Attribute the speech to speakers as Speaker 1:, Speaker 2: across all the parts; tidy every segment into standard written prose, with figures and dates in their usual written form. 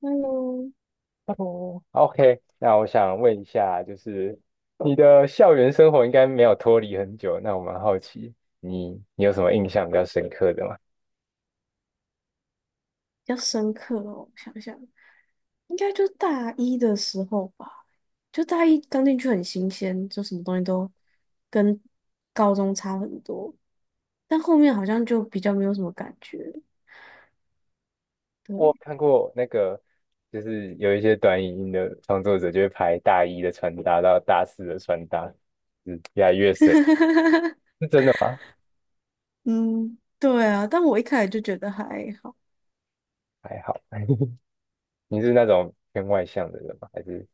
Speaker 1: 嗯，
Speaker 2: Hello，Hello，OK，那我想问一下，就是你的校园生活应该没有脱离很久，那我蛮好奇，你有什么印象比较深刻的吗？
Speaker 1: 比较深刻哦，我想想，应该就大一的时候吧，就大一刚进去很新鲜，就什么东西都跟高中差很多，但后面好像就比较没有什么感觉了，
Speaker 2: 我
Speaker 1: 对。
Speaker 2: 看过那个，就是有一些短影音的创作者就会拍大一的穿搭到大四的穿搭，越来越水，
Speaker 1: 嗯，对啊，但我一开始就觉得还好。
Speaker 2: 还好。你是那种偏外向的人吗？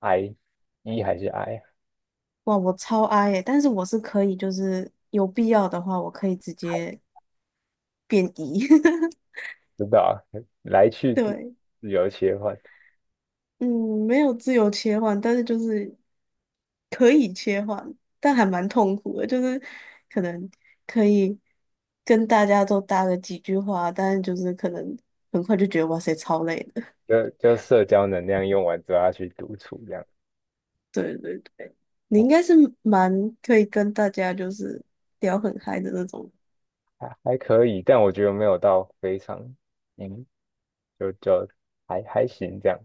Speaker 2: I 还是 I？
Speaker 1: 哇，我超爱，耶，但是我是可以，就是有必要的话，我可以直接变 E。
Speaker 2: 不知道啊，来 去自
Speaker 1: 对。
Speaker 2: 自由切换。
Speaker 1: 嗯，没有自由切换，但是就是可以切换，但还蛮痛苦的，就是可能可以跟大家都搭个几句话，但是就是可能很快就觉得哇塞，超累的。
Speaker 2: 就社交能量用完之后，要去独处这样，
Speaker 1: 对对对，你应
Speaker 2: 哦，
Speaker 1: 该是蛮可以跟大家就是聊很嗨的那种。
Speaker 2: 还可以，但我觉得没有到非常，嗯，就还行这样。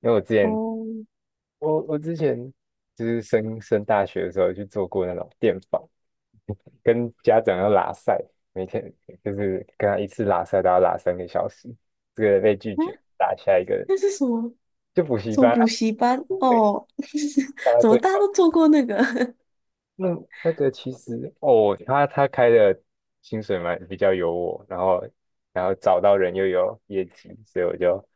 Speaker 2: 因为我之前，
Speaker 1: 哦，
Speaker 2: 我我之前就是升大学的时候去做过那种电访，跟家长要拉塞，每天就是跟他一次拉塞都要拉三个小时，这个被拒
Speaker 1: 啊，
Speaker 2: 绝，拉下一个
Speaker 1: 那是什么？
Speaker 2: 就补习
Speaker 1: 什么
Speaker 2: 班啊，
Speaker 1: 补习班？
Speaker 2: 对，
Speaker 1: 哦。
Speaker 2: 大 家
Speaker 1: 怎么
Speaker 2: 最。
Speaker 1: 大家都做过那个？
Speaker 2: 那那个其实哦，他开的薪水蛮比较有我，然后找到人又有业绩，所以我就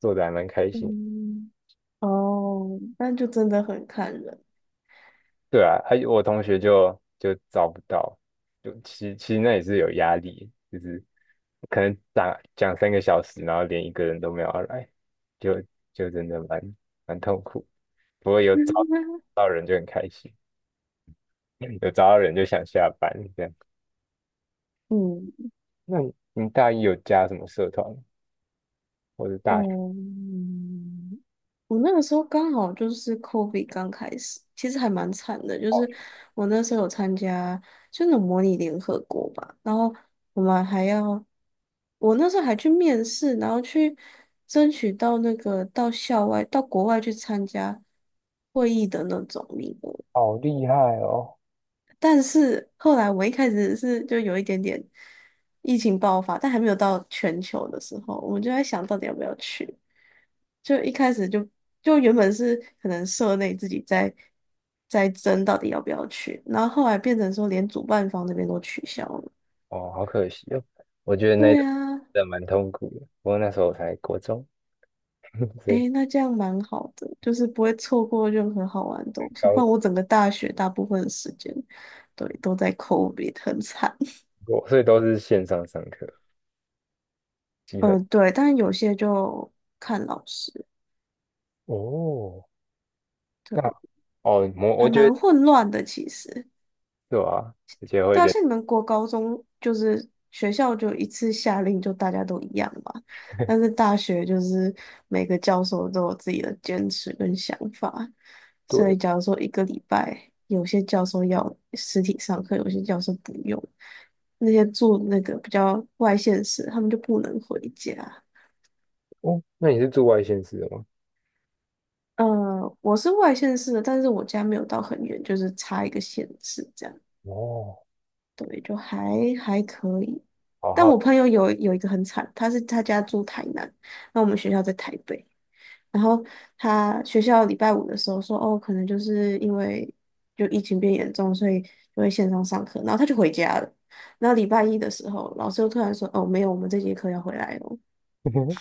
Speaker 2: 做的还蛮开 心。
Speaker 1: 嗯，哦，那就真的很看人。
Speaker 2: 对啊，还有我同学就找不到，就其实那也是有压力，就是可能打讲三个小时，然后连一个人都没有要来，就就真的蛮痛苦。不过有找 到人就很开心，有找到人就想下班这样。
Speaker 1: 嗯，
Speaker 2: 那你大一有加什么社团吗或者大？
Speaker 1: 哦，我那个时候刚好就是 COVID 刚开始，其实还蛮惨的。就是我那时候有参加，就那种模拟联合国吧，然后我们还要，我那时候还去面试，然后去争取到那个到校外、到国外去参加会议的那种名额。
Speaker 2: 好厉害哦！
Speaker 1: 但是后来我一开始是就有一点点疫情爆发，但还没有到全球的时候，我们就在想到底要不要去。就一开始就就原本是可能社内自己在争到底要不要去，然后后来变成说连主办方那边都取消了。
Speaker 2: 哦，好可惜哦。我觉得那一
Speaker 1: 对
Speaker 2: 段
Speaker 1: 啊，
Speaker 2: 真的蛮痛苦的，不过那时候我才国中，所以
Speaker 1: 诶，那这样蛮好的，就是不会错过任何好玩的东西。不
Speaker 2: 高
Speaker 1: 然我整个大学大部分的时间，对，都在 COVID，很惨。
Speaker 2: 我所以都是线上上课，基本
Speaker 1: 嗯，对，但有些就看老师。
Speaker 2: 哦，那哦，我
Speaker 1: 还
Speaker 2: 觉
Speaker 1: 蛮
Speaker 2: 得
Speaker 1: 混乱的，其实。
Speaker 2: 对吧？而且会
Speaker 1: 对啊，
Speaker 2: 人
Speaker 1: 像你们国高中就是学校就一次下令就大家都一样嘛，但是大学就是每个教授都有自己的坚持跟想法，所
Speaker 2: 对
Speaker 1: 以假如说一个礼拜有些教授要实体上课，有些教授不用，那些住那个比较外县市，他们就不能回家。
Speaker 2: 哦。那你是住外县市的吗？
Speaker 1: 呃，我是外县市的，但是我家没有到很远，就是差一个县市这样。
Speaker 2: 哦，
Speaker 1: 对，就还还可以。
Speaker 2: 好
Speaker 1: 但我
Speaker 2: 好
Speaker 1: 朋友有一个很惨，他是他家住台南，那我们学校在台北。然后他学校礼拜五的时候说，哦，可能就是因为就疫情变严重，所以就会线上上课。然后他就回家了。然后礼拜一的时候，老师又突然说，哦，没有，我们这节课要回来哦。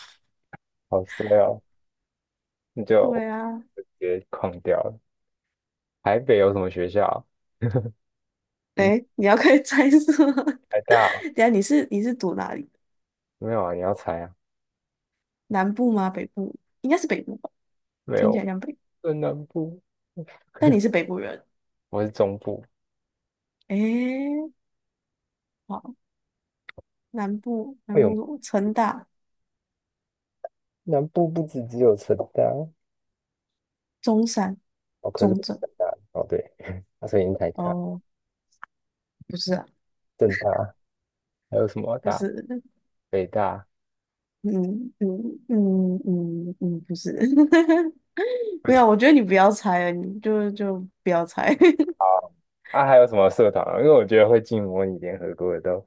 Speaker 2: 好衰哦，你就
Speaker 1: 对啊，
Speaker 2: 直接框掉了。台北有什么学校 嗯，
Speaker 1: 哎，你要可以猜是吗？
Speaker 2: 台大啊
Speaker 1: 等一下你是读哪里？
Speaker 2: 没有啊？你要猜啊？
Speaker 1: 南部吗？北部？应该是北部吧，
Speaker 2: 没
Speaker 1: 听起
Speaker 2: 有，
Speaker 1: 来像北部，
Speaker 2: 在南部，
Speaker 1: 但你是北部人，
Speaker 2: 我是中部，
Speaker 1: 哎。好，南部南
Speaker 2: 会有。
Speaker 1: 部城大、
Speaker 2: 南部不止只有成大
Speaker 1: 中山、
Speaker 2: 哦，可是
Speaker 1: 中
Speaker 2: 不是
Speaker 1: 正，
Speaker 2: 成大哦，对，它声音太大、
Speaker 1: 哦，不是啊，
Speaker 2: 正大还有什么
Speaker 1: 就
Speaker 2: 大、
Speaker 1: 是，
Speaker 2: 北大，
Speaker 1: 嗯嗯嗯嗯嗯，不是，
Speaker 2: 我
Speaker 1: 没
Speaker 2: 天
Speaker 1: 有，我觉得你不要猜了，你就不要猜。
Speaker 2: 啊，还有什么社团啊？因为我觉得会进模拟联合国的都，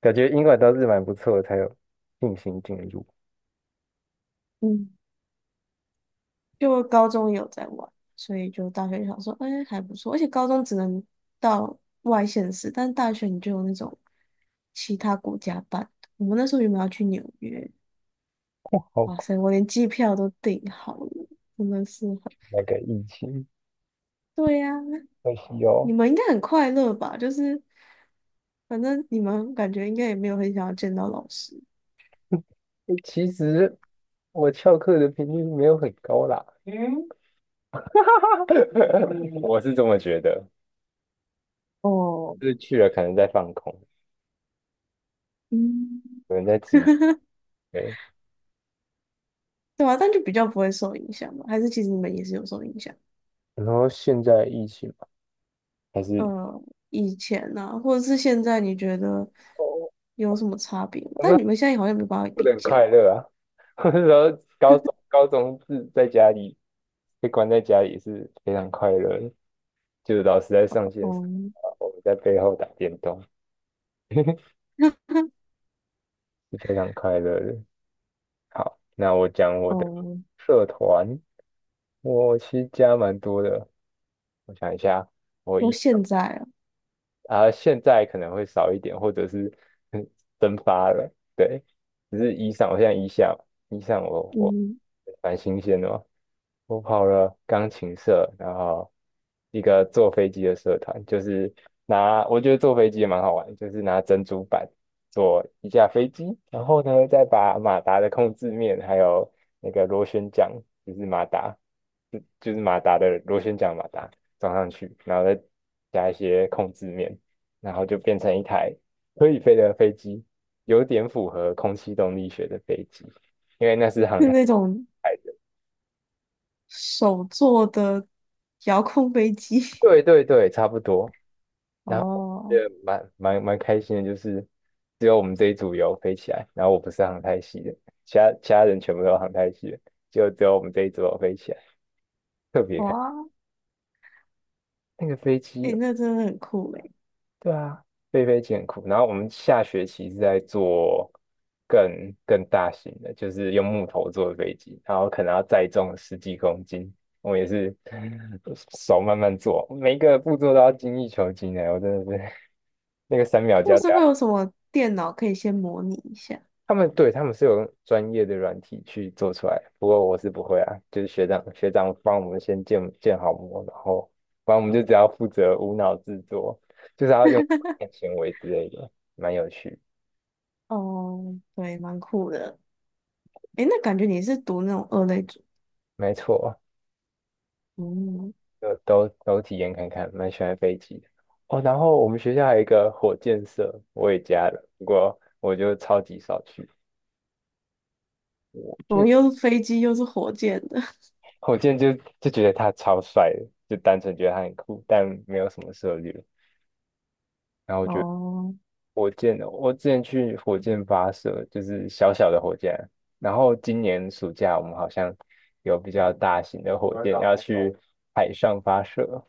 Speaker 2: 感觉英国都是蛮不错的，才有信心进入。
Speaker 1: 嗯，就高中有在玩，所以就大学就想说，哎，还不错，而且高中只能到外县市，但大学你就有那种其他国家办，我们那时候原本要去纽约，哇
Speaker 2: 哦，
Speaker 1: 塞，我连机票都订好了，真的是很，
Speaker 2: 那个疫情，
Speaker 1: 对呀、
Speaker 2: 可惜哦。
Speaker 1: 你们应该很快乐吧？就是反正你们感觉应该也没有很想要见到老师，
Speaker 2: 诶其实我翘课的频率没有很高啦，嗯，我是这么觉得，
Speaker 1: 哦，
Speaker 2: 就是去了可能在放空，
Speaker 1: 嗯，
Speaker 2: 有人在指，对。
Speaker 1: 对啊，但就比较不会受影响吧？还是其实你们也是有受影响？
Speaker 2: 然后现在疫情嘛还是。
Speaker 1: 呃，以前呢、啊，或者是现在，你觉得
Speaker 2: 哦。
Speaker 1: 有什么差别吗？
Speaker 2: 我
Speaker 1: 但
Speaker 2: 们
Speaker 1: 你们现在好像没办法
Speaker 2: 过得
Speaker 1: 比
Speaker 2: 很快
Speaker 1: 较。
Speaker 2: 乐啊。我那时候高中 高中是在家里被关在家里是非常快乐的，就是老师在上线时，
Speaker 1: 哦，
Speaker 2: 我们在背后打电动，是非常快乐的。好，那我讲我的
Speaker 1: 哦，
Speaker 2: 社团，我其实加蛮多的，我想一下，我
Speaker 1: 说
Speaker 2: 一
Speaker 1: 现在啊，
Speaker 2: 啊、现在可能会少一点，或者是嗯 蒸发了。对，只是衣裳，我现在衣裳我
Speaker 1: 嗯，
Speaker 2: 蛮新鲜的嘛，我跑了钢琴社，然后一个坐飞机的社团，就是我觉得坐飞机也蛮好玩，就是拿珍珠板做一架飞机，然后呢再把马达的控制面还有那个螺旋桨，就是马达，就是马达的螺旋桨马达装上去，然后再加一些控制面。然后就变成一台可以飞的飞机，有点符合空气动力学的飞机，因为那是航
Speaker 1: 是
Speaker 2: 太。
Speaker 1: 那种手做的遥控飞机。
Speaker 2: 对对对，差不多。然后也
Speaker 1: 哦，
Speaker 2: 蛮开心的，就是只有我们这一组有飞起来，然后我不是航太系的，其他人全部都是航太系的，就只有我们这一组有飞起来，特别开。
Speaker 1: 哇，
Speaker 2: 那个飞
Speaker 1: 诶、
Speaker 2: 机
Speaker 1: 那真的很酷诶、
Speaker 2: 对啊，飞艰苦。然后我们下学期是在做更大型的，就是用木头做的飞机，然后可能要载重十几公斤。我们也是手慢慢做，每一个步骤都要精益求精的。我真的是 那个三秒
Speaker 1: 或
Speaker 2: 胶
Speaker 1: 是会
Speaker 2: 带
Speaker 1: 有什么电脑可以先模拟一下？
Speaker 2: 他们对他们是有用专业的软体去做出来，不过我是不会啊，就是学长帮我们先建好模，然后反正我们就只要负责无脑制作，就是要用行纤维之类的，蛮有趣，
Speaker 1: 哦，对，蛮酷的。诶，那感觉你是读那种二类组，
Speaker 2: 没错，
Speaker 1: 嗯，
Speaker 2: 就都体验看看，蛮喜欢飞机的哦。然后我们学校还有一个火箭社，我也加了，不过我就超级少去，
Speaker 1: 怎么
Speaker 2: 就
Speaker 1: 又是飞机又是火箭的？
Speaker 2: 火箭就觉得他超帅的，就单纯觉得他很酷，但没有什么涉猎，然后我觉得。
Speaker 1: 哦，
Speaker 2: 火箭哦，我之前去火箭发射，就是小小的火箭，然后今年暑假我们好像有比较大型的火箭要去海上发射，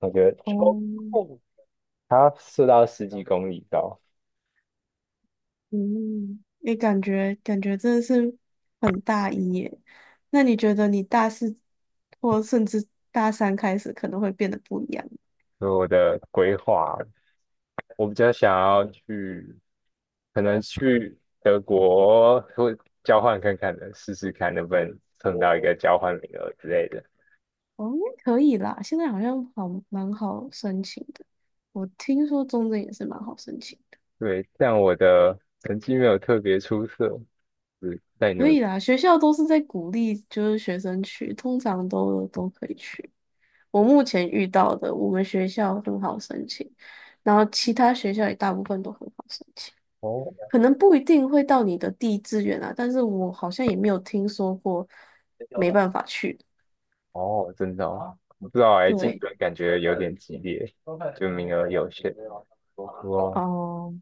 Speaker 2: 我觉得超
Speaker 1: 哦，
Speaker 2: 酷，它要射到十几公里高，
Speaker 1: 嗯，你感觉真的是很大一耶。那你觉得你大四或甚至大三开始可能会变得不一样？
Speaker 2: 所以我的规划，我比较想要去，可能去德国会交换看看的，试试看能不能蹭到一个交换名额之类的。
Speaker 1: 哦，应该可以啦。现在好像好蛮好申请的，我听说中正也是蛮好申请的，
Speaker 2: 对，但我的成绩没有特别出色。是在
Speaker 1: 可以
Speaker 2: 努
Speaker 1: 啦。学校都是在鼓励，就是学生去，通常都都可以去。我目前遇到的，我们学校很好申请，然后其他学校也大部分都很好申请，
Speaker 2: 哦
Speaker 1: 可能不一定会到你的第一志愿啊，但是我好像也没有听说过没办法去的。
Speaker 2: 哦，真的哦，不知道哎，竞
Speaker 1: 对，
Speaker 2: 争感觉有点激烈，就名额有限。不过
Speaker 1: 哦、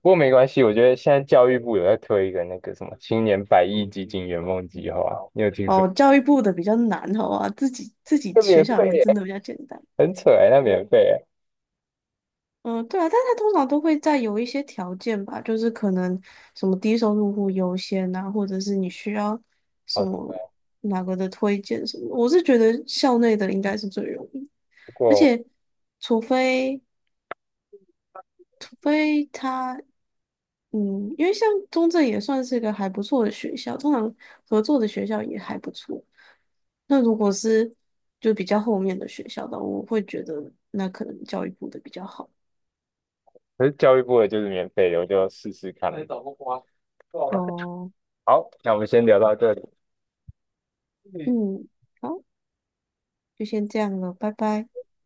Speaker 2: 不过没关系，我觉得现在教育部有在推一个那个什么青年100亿基金圆梦计划，你有听说？
Speaker 1: 哦，教育部的比较难，好吧，自己
Speaker 2: 那
Speaker 1: 学
Speaker 2: 免
Speaker 1: 校里
Speaker 2: 费
Speaker 1: 面真
Speaker 2: 耶，
Speaker 1: 的比较简单。
Speaker 2: 很扯哎，那免费耶。
Speaker 1: 嗯，对啊，但他通常都会在有一些条件吧，就是可能什么低收入户优先啊，或者是你需要什
Speaker 2: 好，
Speaker 1: 么哪个的推荐什么的，我是觉得校内的应该是最容易，
Speaker 2: 不
Speaker 1: 而
Speaker 2: 过
Speaker 1: 且除非除非他嗯，因为像中正也算是个还不错的学校，通常合作的学校也还不错。那如果是就比较后面的学校的，我会觉得那可能教育部的比较好。
Speaker 2: 可是教育部的就是免费的，我就试试看。
Speaker 1: 哦，
Speaker 2: 好，那我们先聊到这里。
Speaker 1: 嗯。好。就先这样了，拜拜。